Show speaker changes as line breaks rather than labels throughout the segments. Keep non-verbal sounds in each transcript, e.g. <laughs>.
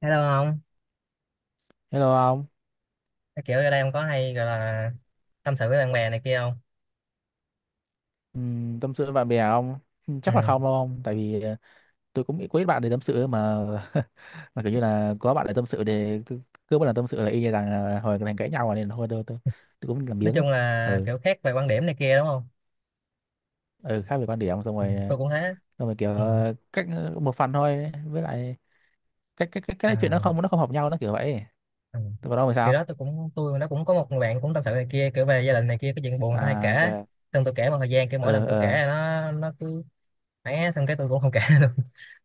Thấy đâu không?
Hello ông.
Cái kiểu ở đây em có hay gọi là tâm sự với bạn bè này kia không?
Tâm sự với bạn bè ông? Ừ,
Ừ.
chắc là không đâu ông, tại vì tôi cũng nghĩ quý ít bạn để tâm sự mà. <laughs> Mà kiểu như là có bạn để tâm sự để cứ một lần tâm sự là y như rằng là hồi thành cãi nhau rồi nên thôi tôi tôi cũng làm
Nói
biếng.
chung là
Ừ,
kiểu khác về quan điểm này kia, đúng không?
ừ khác về quan điểm xong
Ừ,
rồi
tôi cũng thế.
xong rồi kiểu
Ừ.
cách một phần thôi với lại cái chuyện
À,
nó không hợp nhau nó kiểu vậy.
ừ.
Tôi còn ông thì
Kiểu
sao?
đó tôi cũng nó cũng có một người bạn cũng tâm sự này kia, kiểu về gia đình này kia, cái chuyện buồn tôi hay
À,
kể.
ok.
Xong tôi kể một thời gian, kiểu mỗi lần
Ờ
tôi kể
ờ,
là nó cứ ấy, xong cái tôi cũng không kể <laughs> luôn.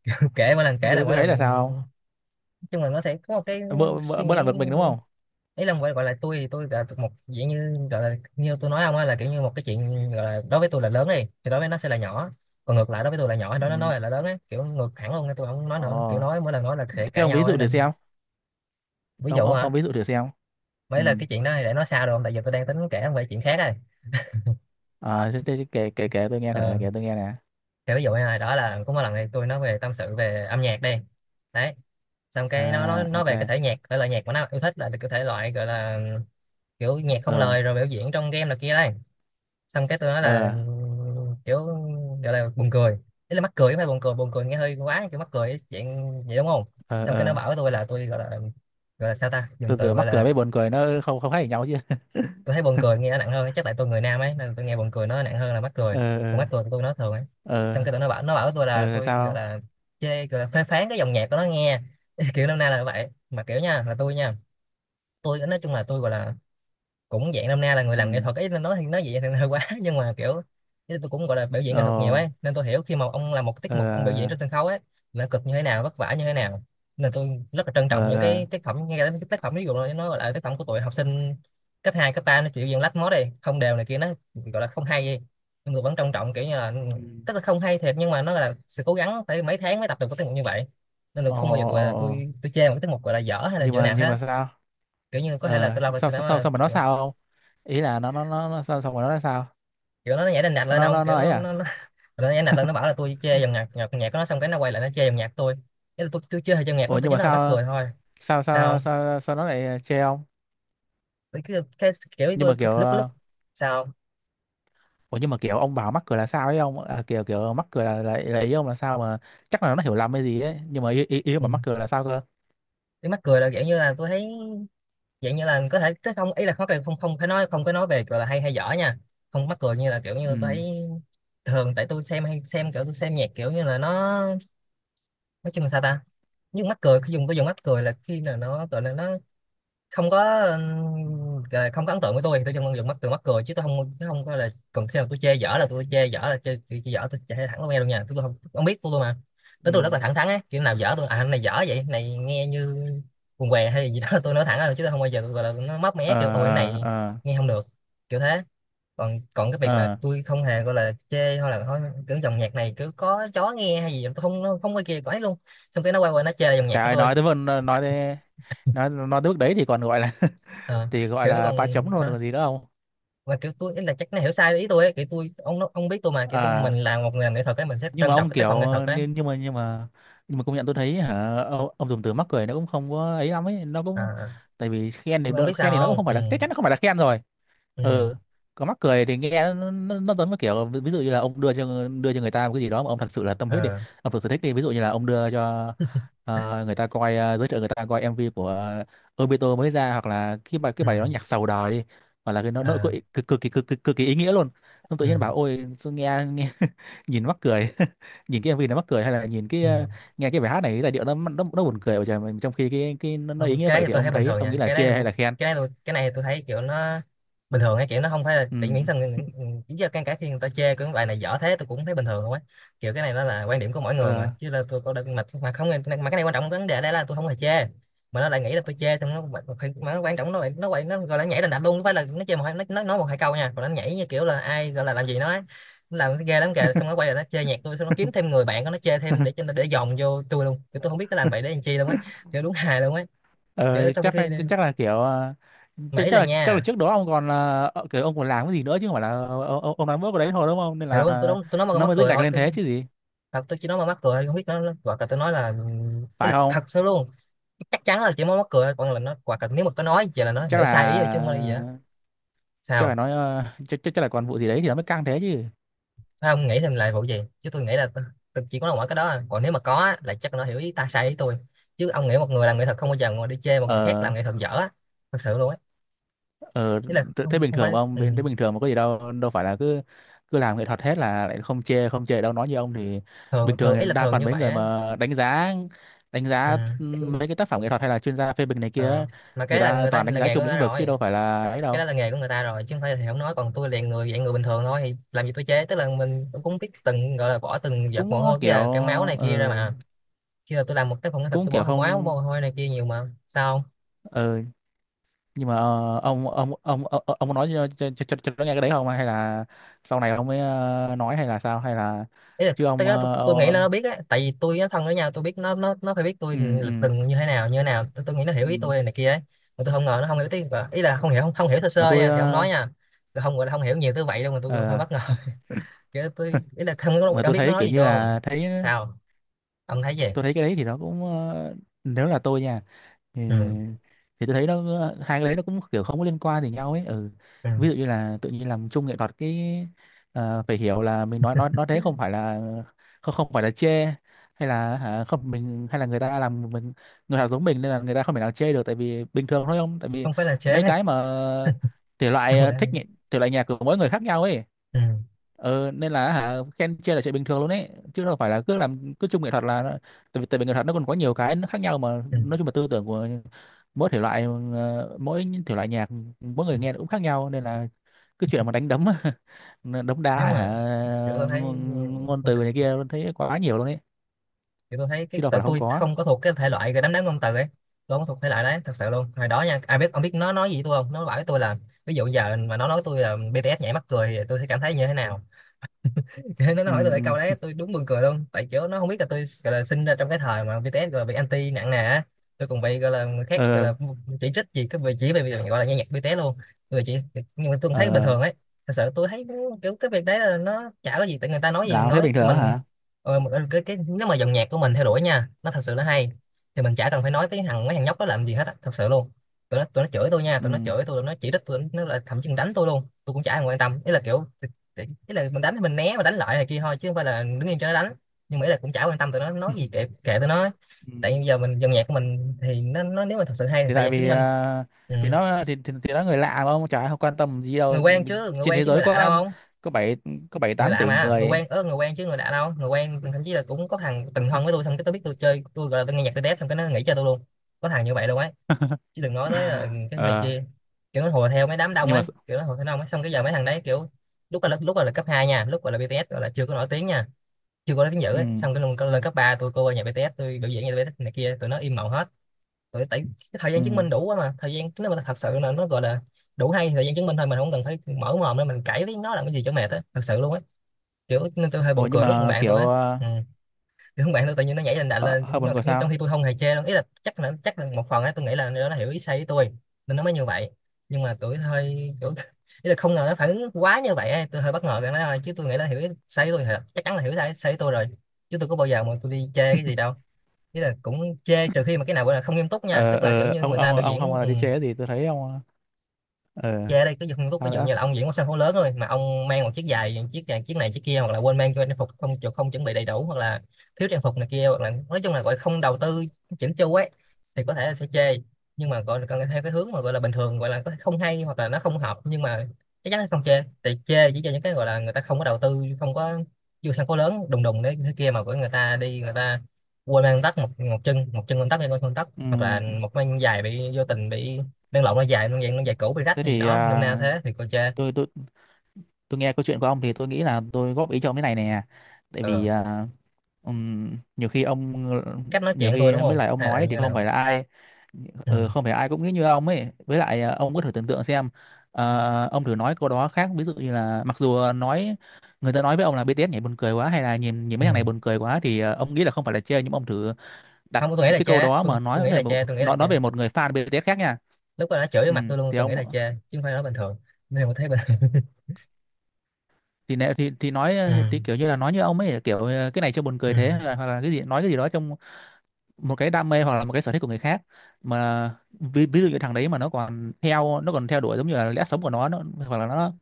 Kiểu kể mỗi lần kể là mỗi
cái ấy
lần
là sao?
nói chung là nó sẽ có một cái
Ông? Mơ mơ,
suy
mơ làm
nghĩ.
được mình đúng không?
Ý là gọi gọi là tôi thì tôi là một dạng như gọi là như tôi nói ông á, là kiểu như một cái chuyện gọi là đối với tôi là lớn đi thì đối với nó sẽ là nhỏ, còn ngược lại đối với tôi là nhỏ, đối
Ừ.
với nó là lớn ấy, kiểu ngược hẳn luôn nên tôi không nói nữa, kiểu
Ồ,
nói mỗi lần nói là sẽ
thế
cãi
ông ví
nhau ấy,
dụ thử
nên
xem,
ví
ông
dụ
ông,
hả?
ông ví dụ thử xem. Ừ.
Mấy là cái chuyện đó thì để nói sao được không? Tại vì tôi đang tính kể về chuyện khác này.
Thế kể kể kể tôi nghe thử,
Ờ,
kể tôi nghe nè.
thì ví dụ này đó là có một lần này tôi nói về tâm sự về âm nhạc đi đấy. Xong cái nó nói
À, ok.
về cái thể nhạc thể loại nhạc mà nó yêu thích là được cái thể loại gọi là kiểu nhạc không
Ờ
lời rồi biểu diễn trong game này kia đây. Xong cái tôi nói là
ờ.
kiểu gọi là buồn cười, ý là mắc cười chứ không phải buồn cười, buồn cười nghe hơi quá, kiểu mắc cười ấy, dạng vậy đúng không?
Ờ.
Xong cái nó
Ờ
bảo với tôi là tôi gọi là sao ta,
từ
dùng từ
từ
gọi
mắc cười
là
với buồn cười nó không không khác gì nhau chứ <laughs>
tôi thấy buồn cười nghe nó nặng hơn, chắc tại tôi người nam ấy nên tôi nghe buồn cười nó nặng hơn là mắc cười,
ờ
còn
ờ
mắc cười tôi nói thường ấy. Xong
ờ
cái tụi nó bảo với tôi
ờ
là
là
tôi gọi
sao?
là chê, gọi là phê phán cái dòng nhạc của nó nghe. <laughs> Kiểu năm nay là vậy mà, kiểu nha là tôi nha, tôi nói chung là tôi gọi là cũng dạng năm nay là người làm nghệ
Ừ.
thuật ấy, nên nói thì nói vậy thì hơi quá <laughs> nhưng mà kiểu chứ tôi cũng gọi là biểu diễn nghệ thuật nhiều
Ờ
ấy, nên tôi hiểu khi mà ông làm một tiết mục, ông biểu diễn trên
ờ.
sân khấu ấy là cực như thế nào, vất vả như thế nào. Nên tôi rất là trân
Ờ.
trọng những
Ờ.
cái tác phẩm, ngay cả cái tác phẩm ví dụ là nó gọi là tác phẩm của tụi học sinh cấp 2 cấp ba, nó chịu diễn lách mốt đi không đều này kia, nó gọi là không hay gì, nhưng tôi vẫn trân trọng, kiểu như là
Ừ.
tức là không hay thiệt nhưng mà nó là sự cố gắng phải mấy tháng mới tập được cái tiết mục như vậy, nên là
Ồ.
không bao giờ tôi
ồ
là
ồ.
tôi chê một cái tiết mục gọi là dở hay là
nhưng
như
mà
nào
nhưng
hết.
mà sao?
Kiểu như có thể là
Ờ,
tôi lâu rồi
sao
tôi
sao
nói
sao
là
sao mà nó
kiểu
sao không, ý là nó sao sao mà nó là sao?
kiểu nó nhảy đành đạch lên
nó
ông,
nó
kiểu
nó ấy à?
<laughs> nó nhảy đành đạch lên, nó bảo là tôi chê dòng nhạc nhạc nhạc của nó, xong cái nó quay lại nó chê dòng nhạc tôi. Cái là tôi chê dòng nhạc của
Ủa
nó, tôi
nhưng
chỉ
mà
nói là mắc
sao,
cười thôi.
sao
Sao
sao
không?
sao sao nó lại chê ông?
Tôi cái kiểu
Nhưng
tôi
mà
cái
kiểu
lúc lúc sao không?
ủa nhưng mà kiểu ông bảo mắc cười là sao ấy ông à, kiểu kiểu mắc cười là ý ông là sao mà? Chắc là nó hiểu lầm hay gì ấy, nhưng mà ý ý, ý ông
Ừ.
bảo mắc cười là sao cơ?
Cái mắc cười là kiểu như là tôi thấy dạng như là có thể cái không, ý là khó, không không phải nói, không có nói về gọi là hay hay dở nha, không mắc cười như là kiểu như tôi
Ừ.
thấy thường, tại tôi xem hay xem, kiểu tôi xem nhạc kiểu như là nó nói chung là sao ta, nhưng mắc cười khi dùng tôi dùng mắc cười là khi nào nó gọi là nó không có không có ấn tượng với tôi thì tôi chỉ mong được mắc từ mắt cười chứ tôi không chứ không có là, còn khi nào tôi chê dở là tôi chê dở là chê dở, tôi chê thẳng luôn nghe luôn nha, tôi không, không biết tôi luôn mà, tới
Ừ.
tôi rất là thẳng thắn á, kiểu nào dở tôi à anh này dở vậy, cái này nghe như quần què hay gì đó <laughs> tôi nói thẳng ra luôn chứ tôi không bao giờ tôi gọi là nó móc mé kiểu
Ờ
ôi cái
ờ.
này
Ờ
nghe không được, kiểu thế. Còn còn cái việc mà
ờ.
tôi không hề gọi là chê hay là thôi, kiểu dòng nhạc này cứ có chó nghe hay gì tôi không, nó không có kia có ấy luôn. Xong cái nó quay qua nó chê dòng nhạc
Trời
của
ơi,
tôi.
nói tới vần, nói tới, nói tới bước đấy thì còn gọi là <laughs>
Ờ,
thì gọi
kiểu nó
là
còn
ba chấm luôn,
nó
còn gì nữa không?
và kiểu tôi ý là chắc nó hiểu sai ý tôi ấy. Kiểu tôi ông ông biết tôi mà, kiểu tôi
Ờ.
mình làm một người làm nghệ thuật ấy, mình sẽ
nhưng mà
trân trọng
ông
cái tác phẩm
kiểu
nghệ thuật ấy.
nhưng, nhưng mà nhưng mà nhưng mà công nhận tôi thấy hả ông dùng từ mắc cười nó cũng không có ấy lắm ấy, nó cũng
À,
tại vì khen thì
nhưng mà ông
đỡ-
biết sao
khen thì nó cũng
không?
không
Ừ.
phải là, chắc chắn nó không phải là khen rồi.
Ừ.
Ừ. Có mắc cười thì nghe nó giống như kiểu ví dụ như là ông đưa cho, đưa cho người ta một cái gì đó mà ông thật sự là tâm huyết đi,
Ờ.
ông thực sự thích đi, ví dụ như là ông đưa cho người ta coi, giới thiệu người ta coi MV của Obito mới ra, hoặc là cái bài cái
Ừ.
bài đó nhạc sầu đời đi, hoặc là cái nó
Ờ.
cực cực cực kỳ cực kỳ ý nghĩa luôn, ông tự nhiên
Ừ.
bảo ôi sao nghe nghe <laughs> nhìn mắc cười, <laughs> nhìn cái MV nó mắc cười, hay là nhìn cái
Ừ.
nghe cái bài hát này cái giai điệu nó buồn cười vậy trời, mà trong khi cái nó ý
Không,
nghĩa
cái
vậy
đấy thì
thì
tôi
ông
thấy bình
thấy
thường
ông nghĩ
nha
là
cái đấy.
chê hay là khen?
Cái này tôi cái này tôi thấy kiểu nó bình thường ấy, kiểu nó không phải là tỉ miễn sao chỉ do cái khi người ta chê cái bài này dở thế tôi cũng thấy bình thường không ấy, kiểu cái này nó là quan điểm của mỗi người
Ừ.
mà, chứ là tôi có được mà không mà cái này quan trọng vấn đề ở đây là tôi không hề chê, mà nó lại nghĩ là tôi chê, xong nó quan trọng nó nó quậy, nó gọi là nhảy đành đạch luôn, không phải là nó chê một hai, nó nói một hai câu nha, còn nó nhảy như kiểu là ai gọi là làm gì nó ấy, nó làm cái ghê lắm kìa, xong nó quay lại nó chê nhạc tôi, xong nó kiếm thêm người bạn của nó chê thêm để cho nó để dòm vô tôi luôn. Kiểu tôi không biết nó làm vậy để làm chi luôn ấy, kiểu đúng hài luôn ấy, kiểu
Ờ,
trong
chắc,
khi
chắc là kiểu ờ,
mà
chắc
ý
chắc
là
là chắc là
nha
trước đó ông còn là kiểu ông còn làm cái gì nữa chứ không phải là ông làm bước vào đấy thôi đúng không, nên
thầy
là
luôn tôi đóng tôi nói mà
nó
mắc
mới dựng
cười
đặt
thôi,
lên
tôi
thế chứ gì,
thật tôi chỉ nói mà mắc cười thôi, không biết nó hoặc là tôi nói là ý
phải
là
không?
thật sự luôn, chắc chắn là chỉ nói mắc cười thôi, còn là nó hoặc là nếu mà có nói vậy là nó
Chắc
hiểu
là,
sai ý rồi chứ không có là gì á.
chắc
Sao
là nói chắc chắc chắc là còn vụ gì đấy thì nó mới căng thế chứ.
Sao không nghĩ thêm lại vụ gì, chứ tôi nghĩ là tôi chỉ có nói mỗi cái đó à. Còn nếu mà có á, là chắc nó hiểu ý ta sai ý tôi, chứ ông nghĩ một người làm nghệ thuật không bao giờ ngồi đi chê một người khác
Ờ.
làm nghệ thuật dở á, thật sự luôn á,
Ờ,
ý là
thế thế
không
bình
không
thường
phải,
mà ông
ừ.
thế bình thường mà có gì đâu, đâu phải là cứ cứ làm nghệ thuật hết là lại không chê, không chê đâu nói như ông thì.
Thường
Bình thường
thường ý
thì
là
đa
thường
phần
như
mấy
vậy
người
á.
mà đánh giá, đánh giá
Ừ.
mấy cái tác phẩm nghệ thuật hay là chuyên gia phê bình này
Ờ.
kia,
Mà
người
cái là
ta
người ta
toàn đánh
là
giá
nghề của
chung
người ta
lĩnh vực chứ
rồi.
đâu phải là ấy
Cái
đâu.
đó là nghề của người ta rồi, chứ không phải là thầy không nói, còn tôi liền người dạng người bình thường thôi thì làm gì tôi chế, tức là mình cũng biết từng gọi là bỏ từng giọt
Cũng
mồ hôi cái
kiểu
là cái máu này kia ra
ờ,
mà, khi là tôi làm một cái phòng nghệ thuật
cũng
tôi
kiểu
bỏ máu mồ
không
hôi này kia nhiều mà sao không.
ờ, nhưng mà ông có nói cho cho nó nghe cái đấy không, hay là sau này ông mới nói, hay là sao, hay là
Ý là
chứ
tới
ông
đó tôi nghĩ là nó biết á, tại vì tôi nó thân với nhau tôi biết nó phải biết tôi
ừ
là
ừ
từng như thế nào như thế nào, tôi nghĩ nó hiểu
ừ
ý tôi này kia ấy. Mà tôi không ngờ nó không hiểu tiếng, ý là không hiểu không hiểu sơ
mà
sơ
tôi
nha thì không nói nha, tôi không gọi là không hiểu nhiều tới vậy đâu, mà tôi cũng hơi
ờ,
bất ngờ <laughs> kiểu tôi ý là không
mà
ông
tôi
biết nó
thấy
nói
kiểu
gì
như
tôi không?
là thấy
Sao? Ông thấy gì?
tôi thấy cái đấy thì nó cũng nếu là tôi nha, thì,
Ừ.
thì tôi thấy nó, hai cái đấy nó cũng kiểu không có liên quan gì nhau ấy. Ừ.
Ừ.
Ví dụ như là tự nhiên làm chung nghệ thuật cái phải hiểu là mình nói, nói thế, không phải là không, không phải là chê hay là hả, không mình hay là người ta làm mình, người ta giống mình nên là người ta không thể nào chê được, tại vì bình thường thôi không, tại vì
Không phải là chế.
mấy cái mà thể
<laughs>
loại
Không là
thích nhị- thể loại nhạc của mỗi người khác nhau ấy.
ừ.
Nên là hả, khen chê là chuyện bình thường luôn ấy chứ đâu phải là cứ chung nghệ thuật là nó- tại vì nghệ thuật nó còn có nhiều cái nó khác nhau mà,
Ừ.
nói chung là tư tưởng của mỗi thể loại, mỗi thể loại nhạc mỗi người nghe nó cũng khác nhau, nên là cái chuyện mà đánh đấm <laughs> đấm
Nhưng
đá hả
mà kiểu tôi
ngôn,
thấy ừ,
ngôn
ok.
từ này kia thấy quá nhiều luôn ấy,
Kiểu tôi thấy cái
chứ đâu phải
tại
là không
tôi
có.
không có thuộc cái thể loại cái đám đám ngôn từ ấy. Tôi không thuộc thể loại đấy thật sự luôn hồi đó nha. Ai biết ông biết nó nói gì với tôi không, nó bảo với tôi là ví dụ giờ mà nó nói tôi là BTS nhảy mắc cười thì tôi sẽ cảm thấy như thế nào. Cái nó
Ừ.
hỏi tôi lại câu đấy
Ừ.
tôi đúng buồn cười luôn, tại kiểu nó không biết là tôi gọi là sinh ra trong cái thời mà BTS gọi là bị anti nặng nề á. Tôi còn bị gọi là người khác gọi
Ờ
là chỉ trích gì cái về chỉ về việc gọi là nghe nhạc BTS luôn. Người chỉ nhưng mà tôi cũng thấy bình
ờ.
thường ấy. Thật sự tôi thấy kiểu cái việc đấy là nó chả có gì, tại người ta nói gì
Nào thấy
nói
bình
tụi
thường á
mình.
hả?
Cái nếu mà dòng nhạc của mình theo đuổi nha nó thật sự nó hay thì mình chả cần phải nói với mấy thằng nhóc đó làm gì hết á, thật sự luôn. Tụi nó chửi tôi nha,
Ừ.
tụi nó chửi tôi, tụi nó chỉ trích tôi, nó là thậm chí còn đánh tôi luôn, tôi cũng chả thèm quan tâm. Ý là kiểu ý là mình đánh thì mình né và đánh lại này kia thôi, chứ không phải là đứng yên cho nó đánh. Nhưng mà ý là cũng chả quan tâm tụi nó nói gì, kệ kệ tụi nó.
Ừ.
Tại vì giờ mình dòng nhạc của mình thì nó nếu mà thật sự hay thì
Thì
thời
tại
gian chứng
vì
minh. Ừ.
thì nó thì nó người lạ mà ông, chả ai quan tâm gì
Người
đâu,
quen chứ, người
trên
quen
thế
chứ, người
giới
lạ đâu.
có
Không,
có bảy, có bảy
người
tám
lạ
tỷ
mà, người
người.
quen ớ, người quen chứ người lạ đâu, người quen thậm chí là cũng có thằng từng thân với tôi xong cái tôi biết tôi chơi tôi gọi là tôi nghe nhạc tôi đét xong cái nó nghĩ cho tôi luôn. Có thằng như vậy luôn ấy,
<laughs>
chứ đừng nói tới là cái này
Ờ.
kia. Kiểu nó hùa theo mấy đám đông
Nhưng mà.
ấy, kiểu nó hùa theo đông ấy, xong cái giờ mấy thằng đấy kiểu lúc là cấp 2 nha, lúc gọi là BTS gọi là chưa có nổi tiếng nha, chưa có nói tiếng dữ
Ừ
ấy. Xong cái lần lên cấp 3 tôi cô qua nhà BTS tôi biểu diễn nhà BTS này kia tụi nó im mộng hết. Tụi tại cái thời
ừ.
gian chứng minh đủ quá mà, thời gian nếu mà thật sự là nó gọi là đủ hay thời gian chứng minh thôi, mình không cần phải mở mồm nữa, mình cãi với nó làm cái gì cho mệt á, thật sự luôn á. Kiểu nên tôi hơi
Ủa
buồn
nhưng
cười lúc cùng
mà
bạn
kiểu
tôi á. Ừ. Thì không, bạn tôi tự nhiên nó nhảy lên đà lên
hơi buồn cười
trong
sao?
khi tôi không hề chê đâu, ý là chắc là một phần ấy, tôi nghĩ là nó hiểu ý sai với tôi nên nó mới như vậy. Nhưng mà tôi hơi kiểu <laughs> ý là không ngờ nó phản ứng quá như vậy ấy. Tôi hơi bất ngờ cái đó thôi, chứ tôi nghĩ là hiểu ý sai với tôi thì chắc chắn là hiểu sai sai với tôi rồi, chứ tôi có bao giờ mà tôi đi chê cái gì đâu. Ý là cũng chê trừ khi mà cái nào gọi là không nghiêm túc nha,
Ờ
tức là kiểu
ờ,
như
ông
người ta
ông
biểu
ông không
diễn
bao giờ đi chơi gì tôi thấy ông. Ờ.
chê đây cái không tốt,
Sao
ví dụ
nữa?
như là ông diễn một sân khấu lớn thôi mà ông mang một chiếc giày chiếc này chiếc này chiếc kia, hoặc là quên mang cho trang phục không không chuẩn bị đầy đủ, hoặc là thiếu trang phục này kia, hoặc là nói chung là gọi không đầu tư chỉnh chu ấy thì có thể là sẽ chê. Nhưng mà gọi là cần theo cái hướng mà gọi là bình thường gọi là có thể không hay hoặc là nó không hợp, nhưng mà chắc chắn là không chê, thì chê chỉ cho những cái gọi là người ta không có đầu tư, không có vô sân khấu lớn đùng đùng đấy thế kia mà của người ta đi, người ta quên mang tóc một một chân lên tóc hay con tóc,
Ừ.
hoặc là một mang giày bị vô tình bị đen lộn nó dài nó dạng nó dài cũ bị rách
Thế
hay gì
thì
đó nôm na thế thì cô chê.
tôi tôi nghe câu chuyện của ông thì tôi nghĩ là tôi góp ý cho ông cái này nè, tại
Ờ,
vì nhiều khi ông,
cách nói
nhiều
chuyện tôi
khi
đúng
mấy
không
lời ông
hay là
nói
như
thì
thế
không
nào.
phải là ai, ờ,
Ừ.
không phải ai cũng nghĩ như ông ấy, với lại ông có thử tưởng tượng xem ông thử nói câu đó khác, ví dụ như là mặc dù nói, người ta nói với ông là BTS nhảy buồn cười quá hay là nhìn nhìn mấy
Ừ.
thằng này buồn cười quá thì ông nghĩ là không phải là chê, nhưng ông thử đặt
Không, tôi nghĩ
một
là
cái câu
chê,
đó
tôi,
mà
tôi
nói
nghĩ
về
là
một
chê, tôi nghĩ là
nói,
chê,
nói về một người fan BTS khác nha.
lúc đó nó chửi vô
Ừ,
mặt tôi luôn,
thì
tôi nghĩ là
ông
chê chứ không phải nói bình thường, nên tôi thấy bình thường. <laughs>
thì nói
Ừ.
thì kiểu như là nói như ông ấy kiểu cái này cho buồn
Ừ.
cười thế, hoặc là cái gì, nói cái gì đó trong một cái đam mê hoặc là một cái sở thích của người khác mà ví dụ như thằng đấy mà nó còn theo, nó còn theo đuổi giống như là lẽ sống của nó hoặc là nó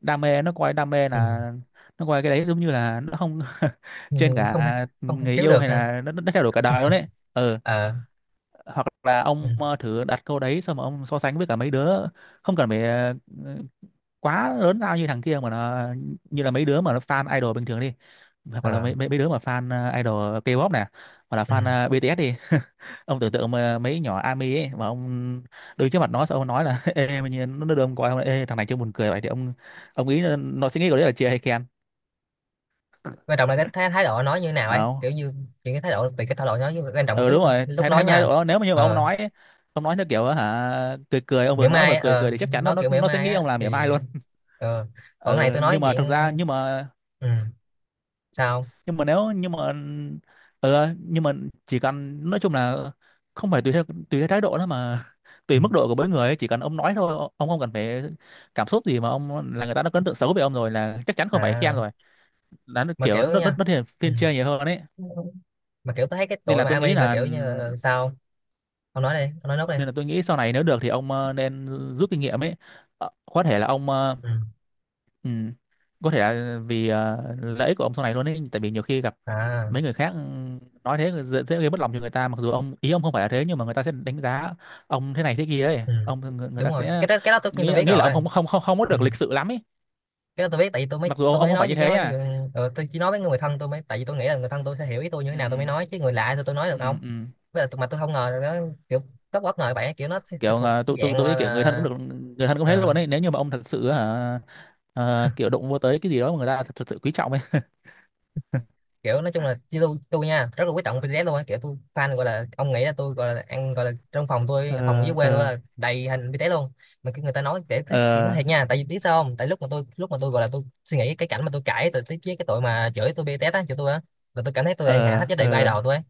đam mê, nó coi đam mê
Ừ.
là, nó coi cái đấy giống như là nó không <laughs>
Ừ.
trên
Không,
cả
không
người
thiếu
yêu,
được
hay
ha.
là nó theo đuổi cả đời luôn đấy. Ừ.
Ờ.
Hoặc là
Ừ.
ông thử đặt câu đấy xong mà ông so sánh với cả mấy đứa, không cần phải quá lớn lao như thằng kia mà nó, như là mấy đứa mà nó fan idol bình thường đi, hoặc là
Ờ.
mấy mấy, mấy đứa mà fan idol K-pop nè, hoặc là fan
Ừ.
BTS đi. Ông tưởng tượng mà mấy nhỏ ARMY ấy mà ông đứng trước mặt nó xong ông nói là <laughs> ê mà nhìn nó đưa ông coi không, ê thằng này chưa buồn cười vậy, thì ông nghĩ là nó sẽ nghĩ của đấy là chê hay khen?
Quan trọng là cái thái độ nói như thế nào ấy,
Không.
kiểu như chuyện cái thái độ về cái thái độ nói với, quan trọng là
Ừ,
cái
đúng
lúc
rồi,
lúc
thái
nói
thái thái
nha.
độ nếu mà như mà ông
Ờ,
nói ấy, ông nói theo kiểu hả cười cười, ông
mỉa
vừa nói
mai
vừa
á,
cười
ờ,
cười thì chắc chắn nó
nó
nó,
kiểu mỉa
nó sẽ
mai
nghĩ
á
ông làm mỉa
thì
mai luôn.
ờ còn cái này
Ừ,
tôi nói
nhưng mà thực ra,
dạng.
nhưng mà,
Ừ. Sao?
nhưng mà nếu, nhưng mà ừ, nhưng mà chỉ cần nói chung là không phải tùy theo thái độ đó mà <laughs>
Ừ.
tùy mức độ của mỗi người ấy, chỉ cần ông nói thôi, ông không cần phải cảm xúc gì mà ông là, người ta đã có ấn tượng xấu về ông rồi là chắc chắn không phải khen
À,
rồi, là nó
mà
kiểu
kiểu
nó nó,
nha.
nó thiên,
Ừ.
thiên chê nhiều hơn ấy.
Mà kiểu tôi thấy cái
Nên
tụi
là
mà
tôi nghĩ
ami mà
là,
sao? Ông nói đi, ông nói nốt đi.
nên là tôi nghĩ sau này nếu được thì ông nên rút kinh nghiệm ấy. Ờ, có thể là ông
Ừ.
ừ, có thể là vì lợi ích của ông sau này luôn ấy, tại vì nhiều khi gặp
À.
mấy người khác nói thế dễ gây mất lòng cho người ta, mặc dù ông ý ông không phải là thế nhưng mà người ta sẽ đánh giá ông thế này thế kia ấy,
Ừ.
ông người
Đúng
ta
rồi, cái
sẽ
đó cái đó tất nhiên tôi
nghĩ
biết
nghĩ là
rồi.
ông không không không không có
Ừ.
được lịch sự lắm ấy,
Cái đó tôi biết, tại vì tôi mới
mặc dù ông,
tôi
ông
mới
không phải
nói gì
như
chứ
thế
ừ,
nha.
ờ, tôi chỉ nói với người thân tôi mới, tại vì tôi nghĩ là người thân tôi sẽ hiểu ý tôi như thế nào tôi mới
Ừ,
nói, chứ người lạ thì tôi nói được
ừ, ừ.
không.
Ừ.
Với lại mà tôi không ngờ là nó kiểu rất bất ngờ, bạn kiểu nó sẽ
Kiểu
thuộc cái
tôi
dạng
tôi
mà
nghĩ
là
kiểu người thân cũng được, người thân cũng thế
ờ,
luôn ấy nếu như mà ông thật sự hả, kiểu đụng vô tới cái gì đó mà người ta thật sự quý trọng ấy.
kiểu nói chung là như tôi nha, rất là quý trọng BTS luôn á, kiểu tôi fan gọi là ông nghĩ là tôi gọi là ăn gọi là trong phòng tôi phòng dưới
Ờ.
quê tôi
Ờ.
là đầy hình BTS luôn. Mà cái người ta nói để cái kiểu nó
Ờ.
thiệt nha, tại vì biết sao không, tại lúc mà tôi gọi là tôi suy nghĩ cái cảnh mà tôi cãi với cái tội mà chửi tôi BTS á, chửi tôi á, là tôi cảm thấy tôi đang hạ
Ờ.
thấp giá trị của
Ờ.
idol tôi á.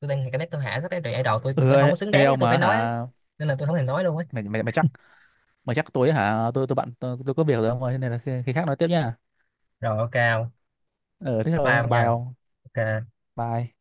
Tôi đang cái nét tôi hạ thấp cái idol tôi
Ừ,
tôi không có
ê,
xứng
ê
đáng để
ông
tôi phải
mà
nói á.
hả
Nên là tôi không thèm nói luôn ấy.
mày mày mày chắc, mày chắc tối hả, tôi bận, tôi có việc rồi ông ơi, nên là khi khác nói tiếp nha.
Rồi, ok không?
Ờ thế rồi
Ba
nha,
ông
bye
nha.
ông.
Ok.
Bye.